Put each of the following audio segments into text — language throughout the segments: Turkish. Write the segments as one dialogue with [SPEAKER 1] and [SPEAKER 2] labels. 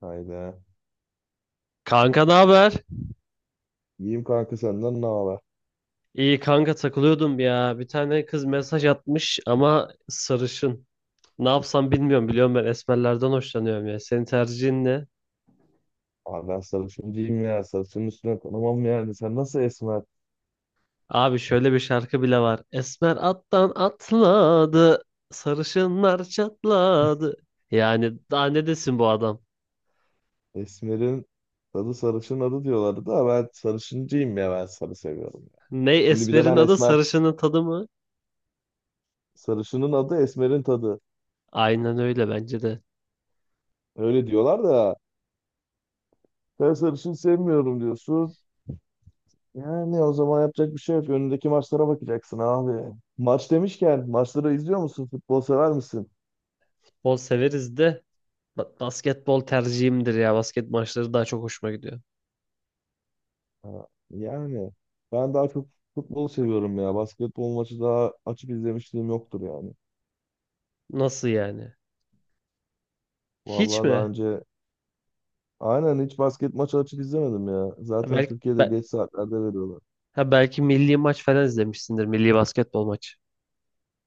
[SPEAKER 1] Hayda.
[SPEAKER 2] Kanka ne haber?
[SPEAKER 1] İyiyim kanka, senden ne haber?
[SPEAKER 2] İyi kanka takılıyordum ya. Bir tane kız mesaj atmış ama sarışın. Ne yapsam bilmiyorum. Biliyorum ben esmerlerden hoşlanıyorum ya. Senin tercihin ne?
[SPEAKER 1] Abi ben sarışın değilim ya. Sarışın üstüne konamam yani. Sen nasıl esmer?
[SPEAKER 2] Abi şöyle bir şarkı bile var. Esmer attan atladı. Sarışınlar çatladı. Yani daha ne desin bu adam?
[SPEAKER 1] Esmer'in tadı sarışın adı diyorlardı da ben sarışıncıyım ya. Ben sarı seviyorum ya.
[SPEAKER 2] Ne
[SPEAKER 1] Şimdi bir de
[SPEAKER 2] esmerin
[SPEAKER 1] ben
[SPEAKER 2] adı
[SPEAKER 1] esmer.
[SPEAKER 2] sarışının tadı mı?
[SPEAKER 1] Sarışının adı esmerin tadı.
[SPEAKER 2] Aynen öyle bence de.
[SPEAKER 1] Öyle diyorlar da ben sarışın sevmiyorum diyorsun. Yani o zaman yapacak bir şey yok. Önündeki maçlara bakacaksın abi. Maç demişken maçları izliyor musun? Futbol sever misin?
[SPEAKER 2] Bol severiz de basketbol tercihimdir ya. Basket maçları daha çok hoşuma gidiyor.
[SPEAKER 1] Ha, yani ben daha çok futbol seviyorum ya. Basketbol maçı daha açıp izlemişliğim yoktur yani.
[SPEAKER 2] Nasıl yani? Hiç
[SPEAKER 1] Vallahi daha
[SPEAKER 2] mi?
[SPEAKER 1] önce aynen hiç basket maçı açıp izlemedim ya.
[SPEAKER 2] Ha,
[SPEAKER 1] Zaten
[SPEAKER 2] belki
[SPEAKER 1] Türkiye'de
[SPEAKER 2] be-
[SPEAKER 1] geç saatlerde veriyorlar.
[SPEAKER 2] ha, belki milli maç falan izlemişsindir. Milli basketbol maçı.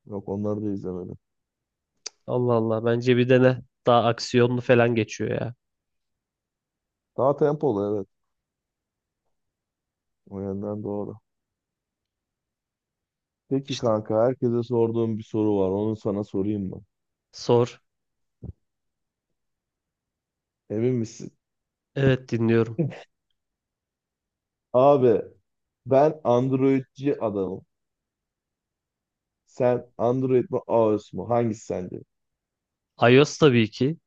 [SPEAKER 1] Yok, onları da izlemedim.
[SPEAKER 2] Allah Allah. Bence bir dene. Daha aksiyonlu falan geçiyor ya.
[SPEAKER 1] Daha tempolu, evet. O yönden doğru. Peki
[SPEAKER 2] İşte
[SPEAKER 1] kanka, herkese sorduğum bir soru var. Onu sana sorayım mı?
[SPEAKER 2] sor.
[SPEAKER 1] Emin misin?
[SPEAKER 2] Evet dinliyorum.
[SPEAKER 1] Abi ben Android'ci adamım. Sen Android mi iOS mu? Hangisi sence?
[SPEAKER 2] iOS tabii ki.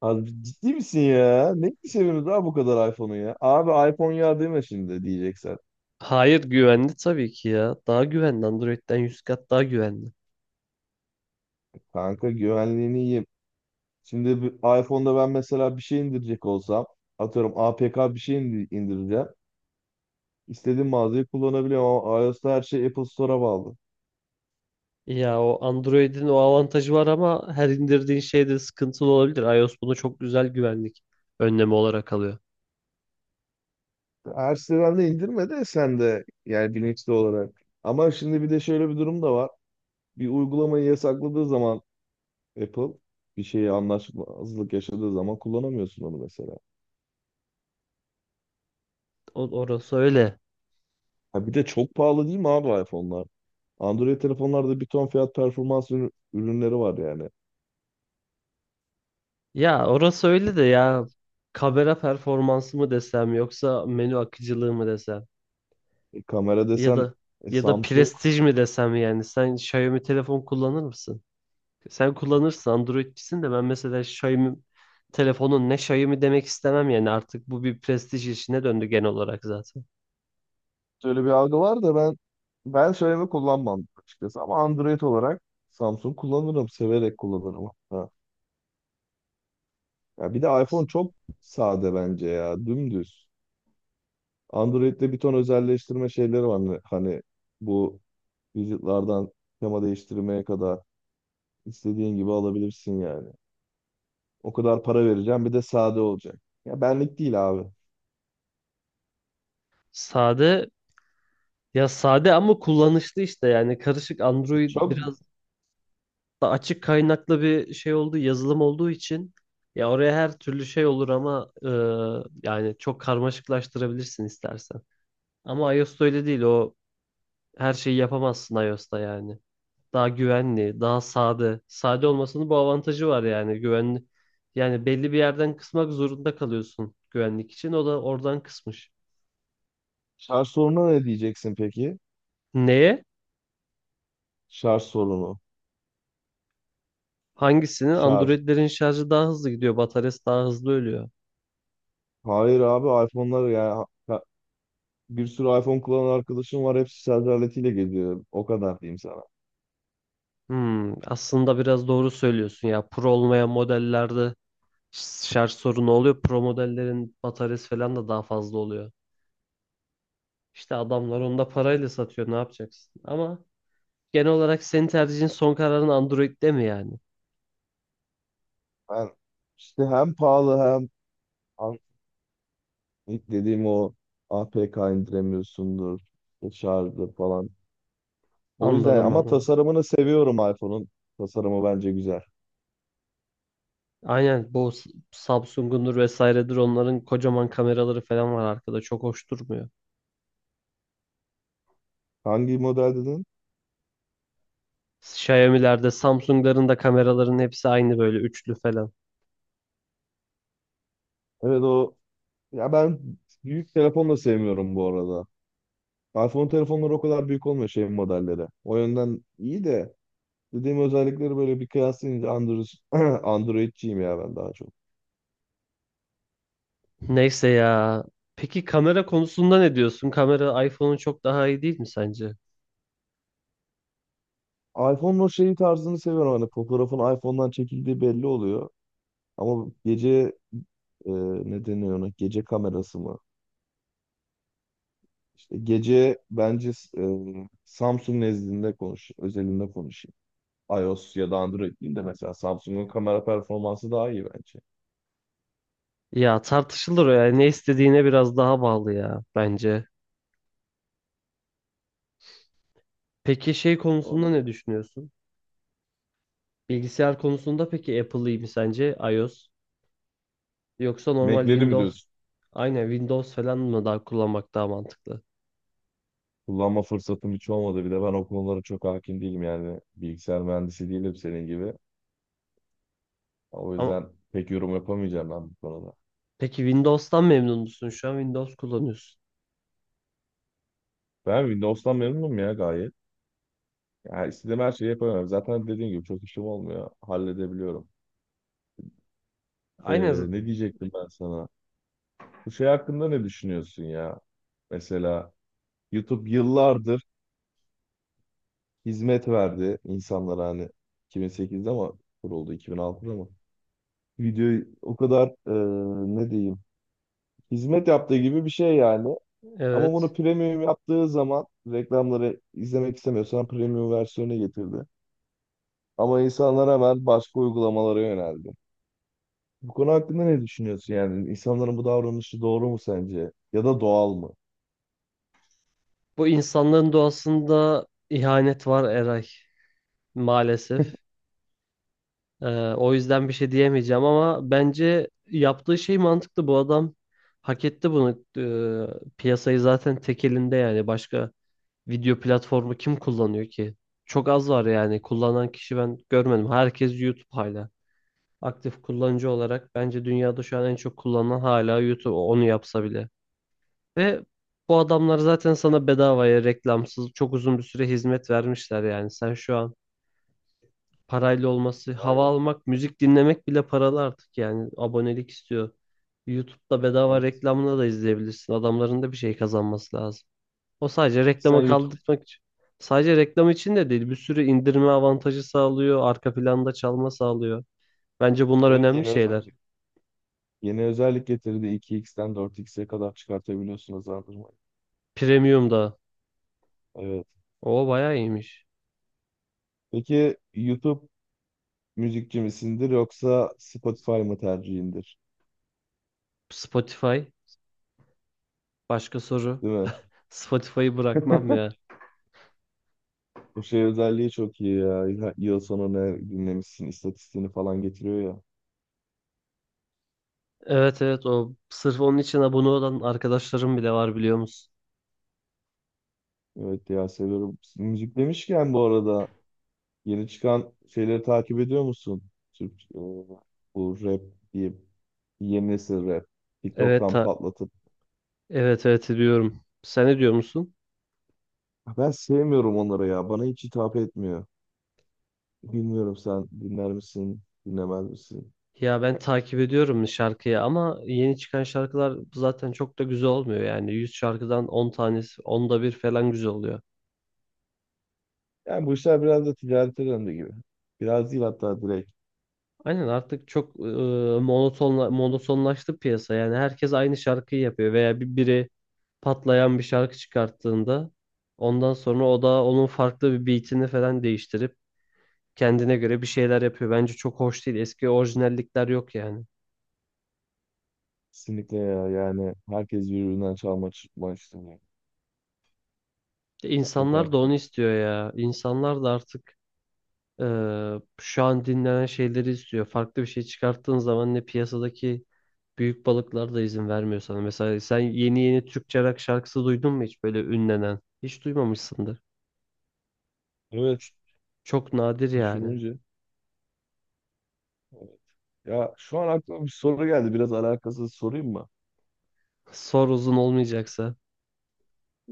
[SPEAKER 1] Abi ciddi misin ya? Ne seviyorsunuz daha bu kadar iPhone'u ya? Abi iPhone ya deme şimdi diyeceksen.
[SPEAKER 2] Hayır güvenli tabii ki ya. Daha güvenli. Android'den 100 kat daha güvenli.
[SPEAKER 1] Kanka güvenliğini yiyeyim. Şimdi bir iPhone'da ben mesela bir şey indirecek olsam, atıyorum APK bir şey indireceğim. İstediğim mağazayı kullanabiliyorum ama iOS'ta her şey Apple Store'a bağlı.
[SPEAKER 2] Ya o Android'in o avantajı var ama her indirdiğin şeyde sıkıntılı olabilir. iOS bunu çok güzel güvenlik önlemi olarak alıyor.
[SPEAKER 1] Her siteden de indirme de sen de yani bilinçli olarak. Ama şimdi bir de şöyle bir durum da var. Bir uygulamayı yasakladığı zaman Apple bir şeyi anlaşmazlık yaşadığı zaman kullanamıyorsun onu mesela.
[SPEAKER 2] Orası öyle.
[SPEAKER 1] Ha, bir de çok pahalı değil mi abi iPhone'lar? Android telefonlarda bir ton fiyat performans ürünleri var yani.
[SPEAKER 2] Ya orası öyle de ya kamera performansı mı desem yoksa menü akıcılığı mı desem
[SPEAKER 1] E, kamera
[SPEAKER 2] ya
[SPEAKER 1] desen,
[SPEAKER 2] da ya da
[SPEAKER 1] Samsung
[SPEAKER 2] prestij mi desem yani sen Xiaomi telefon kullanır mısın? Sen kullanırsın Androidçisin de ben mesela Xiaomi telefonun ne Xiaomi demek istemem yani artık bu bir prestij işine döndü genel olarak zaten.
[SPEAKER 1] öyle bir algı var da ben söyleme kullanmam açıkçası, ama Android olarak Samsung kullanırım, severek kullanırım hatta. Ya bir de iPhone çok sade bence ya, dümdüz. Android'de bir ton özelleştirme şeyleri var, hani bu widget'lardan tema değiştirmeye kadar istediğin gibi alabilirsin yani. O kadar para vereceğim, bir de sade olacak. Ya benlik değil abi.
[SPEAKER 2] Sade ya sade ama kullanışlı işte yani karışık Android
[SPEAKER 1] Çok.
[SPEAKER 2] biraz da açık kaynaklı bir şey olduğu, yazılım olduğu için ya oraya her türlü şey olur ama yani çok karmaşıklaştırabilirsin istersen. Ama iOS'ta öyle değil. O her şeyi yapamazsın iOS'ta yani. Daha güvenli, daha sade. Sade olmasının bu avantajı var yani. Güvenli. Yani belli bir yerden kısmak zorunda kalıyorsun güvenlik için. O da oradan kısmış.
[SPEAKER 1] Şarj sorununa ne diyeceksin peki?
[SPEAKER 2] Neye?
[SPEAKER 1] Şarj sorunu.
[SPEAKER 2] Hangisinin?
[SPEAKER 1] Şarj.
[SPEAKER 2] Android'lerin şarjı daha hızlı gidiyor. Bataryası daha hızlı ölüyor.
[SPEAKER 1] Hayır abi, iPhone'lar ya. Bir sürü iPhone kullanan arkadaşım var. Hepsi şarj aletiyle geliyor. O kadar diyeyim sana.
[SPEAKER 2] Aslında biraz doğru söylüyorsun ya. Pro olmayan modellerde şarj sorunu oluyor. Pro modellerin bataryası falan da daha fazla oluyor. İşte adamlar onu da parayla satıyor. Ne yapacaksın? Ama genel olarak senin tercihin son kararın Android'de mi yani?
[SPEAKER 1] Ben işte hem pahalı hem an- ilk dediğim o, APK indiremiyorsundur. İşte şarjı falan. O yüzden
[SPEAKER 2] Anladım
[SPEAKER 1] ama
[SPEAKER 2] anladım.
[SPEAKER 1] tasarımını seviyorum iPhone'un. Tasarımı bence güzel.
[SPEAKER 2] Aynen bu Samsung'undur vesairedir onların kocaman kameraları falan var arkada. Çok hoş durmuyor.
[SPEAKER 1] Hangi model dedin?
[SPEAKER 2] Xiaomi'lerde, Samsung'ların da kameraların hepsi aynı böyle üçlü falan.
[SPEAKER 1] Evet ya ben büyük telefon da sevmiyorum bu arada. iPhone telefonları o kadar büyük olmuyor şey modelleri. O yönden iyi de, dediğim özellikleri böyle bir kıyaslayınca Android. Android'ciyim ya ben daha çok.
[SPEAKER 2] Neyse ya. Peki kamera konusunda ne diyorsun? Kamera iPhone'un çok daha iyi değil mi sence?
[SPEAKER 1] iPhone'un o şeyi tarzını seviyorum. Hani fotoğrafın iPhone'dan çekildiği belli oluyor. Ama gece, e, ne deniyor ona? Gece kamerası mı? İşte gece bence, e, Samsung nezdinde özelinde konuşayım. iOS ya da Android değil de mesela Samsung'un kamera performansı daha iyi bence.
[SPEAKER 2] Ya tartışılır o ya. Ne istediğine biraz daha bağlı ya bence. Peki şey
[SPEAKER 1] Doğru.
[SPEAKER 2] konusunda ne düşünüyorsun? Bilgisayar konusunda peki Apple iyi mi sence? iOS yoksa normal
[SPEAKER 1] Mac'leri mi
[SPEAKER 2] Windows?
[SPEAKER 1] diyorsun?
[SPEAKER 2] Aynen Windows falan mı daha kullanmak daha mantıklı?
[SPEAKER 1] Kullanma fırsatım hiç olmadı. Bir de ben o konulara çok hakim değilim yani. Bilgisayar mühendisi değilim senin gibi. O
[SPEAKER 2] Ama
[SPEAKER 1] yüzden pek yorum yapamayacağım ben bu konuda.
[SPEAKER 2] peki Windows'tan memnun musun? Şu an Windows kullanıyorsun.
[SPEAKER 1] Ben Windows'tan memnunum ya, gayet. Yani istediğim her şeyi yapamıyorum. Zaten dediğim gibi çok işim olmuyor. Halledebiliyorum. Ee,
[SPEAKER 2] Aynen z-
[SPEAKER 1] Ne diyecektim ben sana? Bu şey hakkında ne düşünüyorsun ya? Mesela YouTube yıllardır hizmet verdi insanlara, hani 2008'de, ama kuruldu 2006'da mı? Videoyu o kadar, ne diyeyim, hizmet yaptığı gibi bir şey yani. Ama bunu
[SPEAKER 2] evet.
[SPEAKER 1] premium yaptığı zaman, reklamları izlemek istemiyorsan premium versiyonu getirdi. Ama insanlar hemen başka uygulamalara yöneldi. Bu konu hakkında ne düşünüyorsun yani? İnsanların bu davranışı doğru mu sence? Ya da doğal mı?
[SPEAKER 2] Bu insanların doğasında ihanet var Eray maalesef. Ee, o yüzden bir şey diyemeyeceğim ama bence yaptığı şey mantıklı. Bu adam hak etti bunu. Piyasayı zaten tek elinde yani. Başka video platformu kim kullanıyor ki? Çok az var yani. Kullanan kişi ben görmedim. Herkes YouTube hala. Aktif kullanıcı olarak bence dünyada şu an en çok kullanılan hala YouTube. Onu yapsa bile. Ve bu adamlar zaten sana bedavaya reklamsız çok uzun bir süre hizmet vermişler yani. Sen şu an parayla olması, hava
[SPEAKER 1] Aynen.
[SPEAKER 2] almak, müzik dinlemek bile paralı artık yani abonelik istiyor. YouTube'da bedava
[SPEAKER 1] Evet.
[SPEAKER 2] reklamını da izleyebilirsin. Adamların da bir şey kazanması lazım. O sadece
[SPEAKER 1] Peki sen
[SPEAKER 2] reklama
[SPEAKER 1] YouTube.
[SPEAKER 2] kaldırmak için. Sadece reklam için de değil, bir sürü indirme avantajı sağlıyor, arka planda çalma sağlıyor. Bence bunlar
[SPEAKER 1] Evet,
[SPEAKER 2] önemli
[SPEAKER 1] yeni
[SPEAKER 2] şeyler.
[SPEAKER 1] özellik. Yeni özellik getirdi. 2x'ten 4x'e kadar çıkartabiliyorsun hızlandırmayı.
[SPEAKER 2] Premium da.
[SPEAKER 1] Evet.
[SPEAKER 2] O bayağı iyiymiş.
[SPEAKER 1] Peki YouTube müzikçi misindir yoksa Spotify mı tercihindir?
[SPEAKER 2] Spotify. Başka soru.
[SPEAKER 1] Değil mi?
[SPEAKER 2] Spotify'ı bırakmam ya.
[SPEAKER 1] Bu şey özelliği çok iyi ya. Yıl sonu ne dinlemişsin istatistiğini falan getiriyor ya.
[SPEAKER 2] Evet evet o sırf onun için abone olan arkadaşlarım bile var biliyor musun?
[SPEAKER 1] Evet ya, seviyorum. Müzik demişken bu arada, yeni çıkan şeyleri takip ediyor musun? Türk, bu rap diye yeni nesil rap.
[SPEAKER 2] Evet
[SPEAKER 1] TikTok'tan
[SPEAKER 2] ta-
[SPEAKER 1] patlatıp.
[SPEAKER 2] Evet evet ediyorum. Sen ne diyor musun?
[SPEAKER 1] Ben sevmiyorum onları ya. Bana hiç hitap etmiyor. Bilmiyorum, sen dinler misin, dinlemez misin?
[SPEAKER 2] Ya ben takip ediyorum şarkıyı ama yeni çıkan şarkılar zaten çok da güzel olmuyor yani. 100 şarkıdan 10 tanesi, onda bir falan güzel oluyor.
[SPEAKER 1] Yani bu işler biraz da ticarete döndü gibi. Biraz değil, hatta direkt.
[SPEAKER 2] Aynen artık çok monotonlaştı piyasa. Yani herkes aynı şarkıyı yapıyor veya biri patlayan bir şarkı çıkarttığında ondan sonra o da onun farklı bir beatini falan değiştirip kendine göre bir şeyler yapıyor. Bence çok hoş değil. Eski orijinallikler yok yani.
[SPEAKER 1] Kesinlikle ya, yani herkes birbirinden çalma çıkma işte. Çok
[SPEAKER 2] İnsanlar da onu
[SPEAKER 1] arttı.
[SPEAKER 2] istiyor ya. İnsanlar da artık şu an dinlenen şeyleri istiyor. Farklı bir şey çıkarttığın zaman ne piyasadaki büyük balıklar da izin vermiyor sana. Mesela sen yeni yeni Türkçe rock şarkısı duydun mu hiç böyle ünlenen? Hiç duymamışsındır.
[SPEAKER 1] Evet.
[SPEAKER 2] Ç- Çok nadir yani.
[SPEAKER 1] Düşününce. Evet. Ya şu an aklıma bir soru geldi. Biraz alakasız sorayım mı?
[SPEAKER 2] Sor uzun olmayacaksa.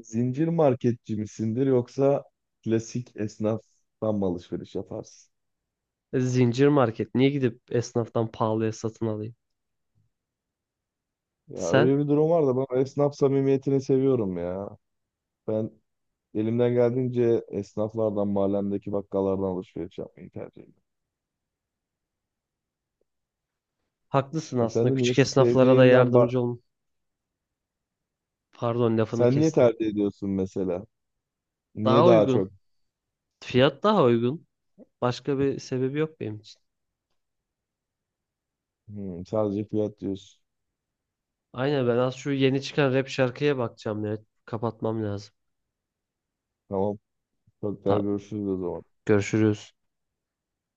[SPEAKER 1] Zincir marketçi misindir yoksa klasik esnaftan mı alışveriş yaparsın?
[SPEAKER 2] Zincir market. Niye gidip esnaftan pahalıya satın alayım?
[SPEAKER 1] Ya
[SPEAKER 2] Sen
[SPEAKER 1] öyle bir durum var da ben esnaf samimiyetini seviyorum ya. Ben elimden geldiğince esnaflardan, mahallemdeki bakkallardan alışveriş yapmayı tercih ediyorum.
[SPEAKER 2] haklısın
[SPEAKER 1] Ya sen
[SPEAKER 2] aslında.
[SPEAKER 1] de niye
[SPEAKER 2] Küçük esnaflara da
[SPEAKER 1] sevdiğinden bak...
[SPEAKER 2] yardımcı olun. Pardon lafını
[SPEAKER 1] Sen niye
[SPEAKER 2] kestim.
[SPEAKER 1] tercih ediyorsun mesela? Niye
[SPEAKER 2] Daha
[SPEAKER 1] daha
[SPEAKER 2] uygun.
[SPEAKER 1] çok?
[SPEAKER 2] Fiyat daha uygun. Başka bir sebebi yok benim için.
[SPEAKER 1] Hmm, sadece fiyat diyorsun.
[SPEAKER 2] Aynen ben az şu yeni çıkan rap şarkıya bakacağım ya. Kapatmam lazım.
[SPEAKER 1] Tamam. Çok daha
[SPEAKER 2] Tamam
[SPEAKER 1] görüşürüz o zaman.
[SPEAKER 2] görüşürüz.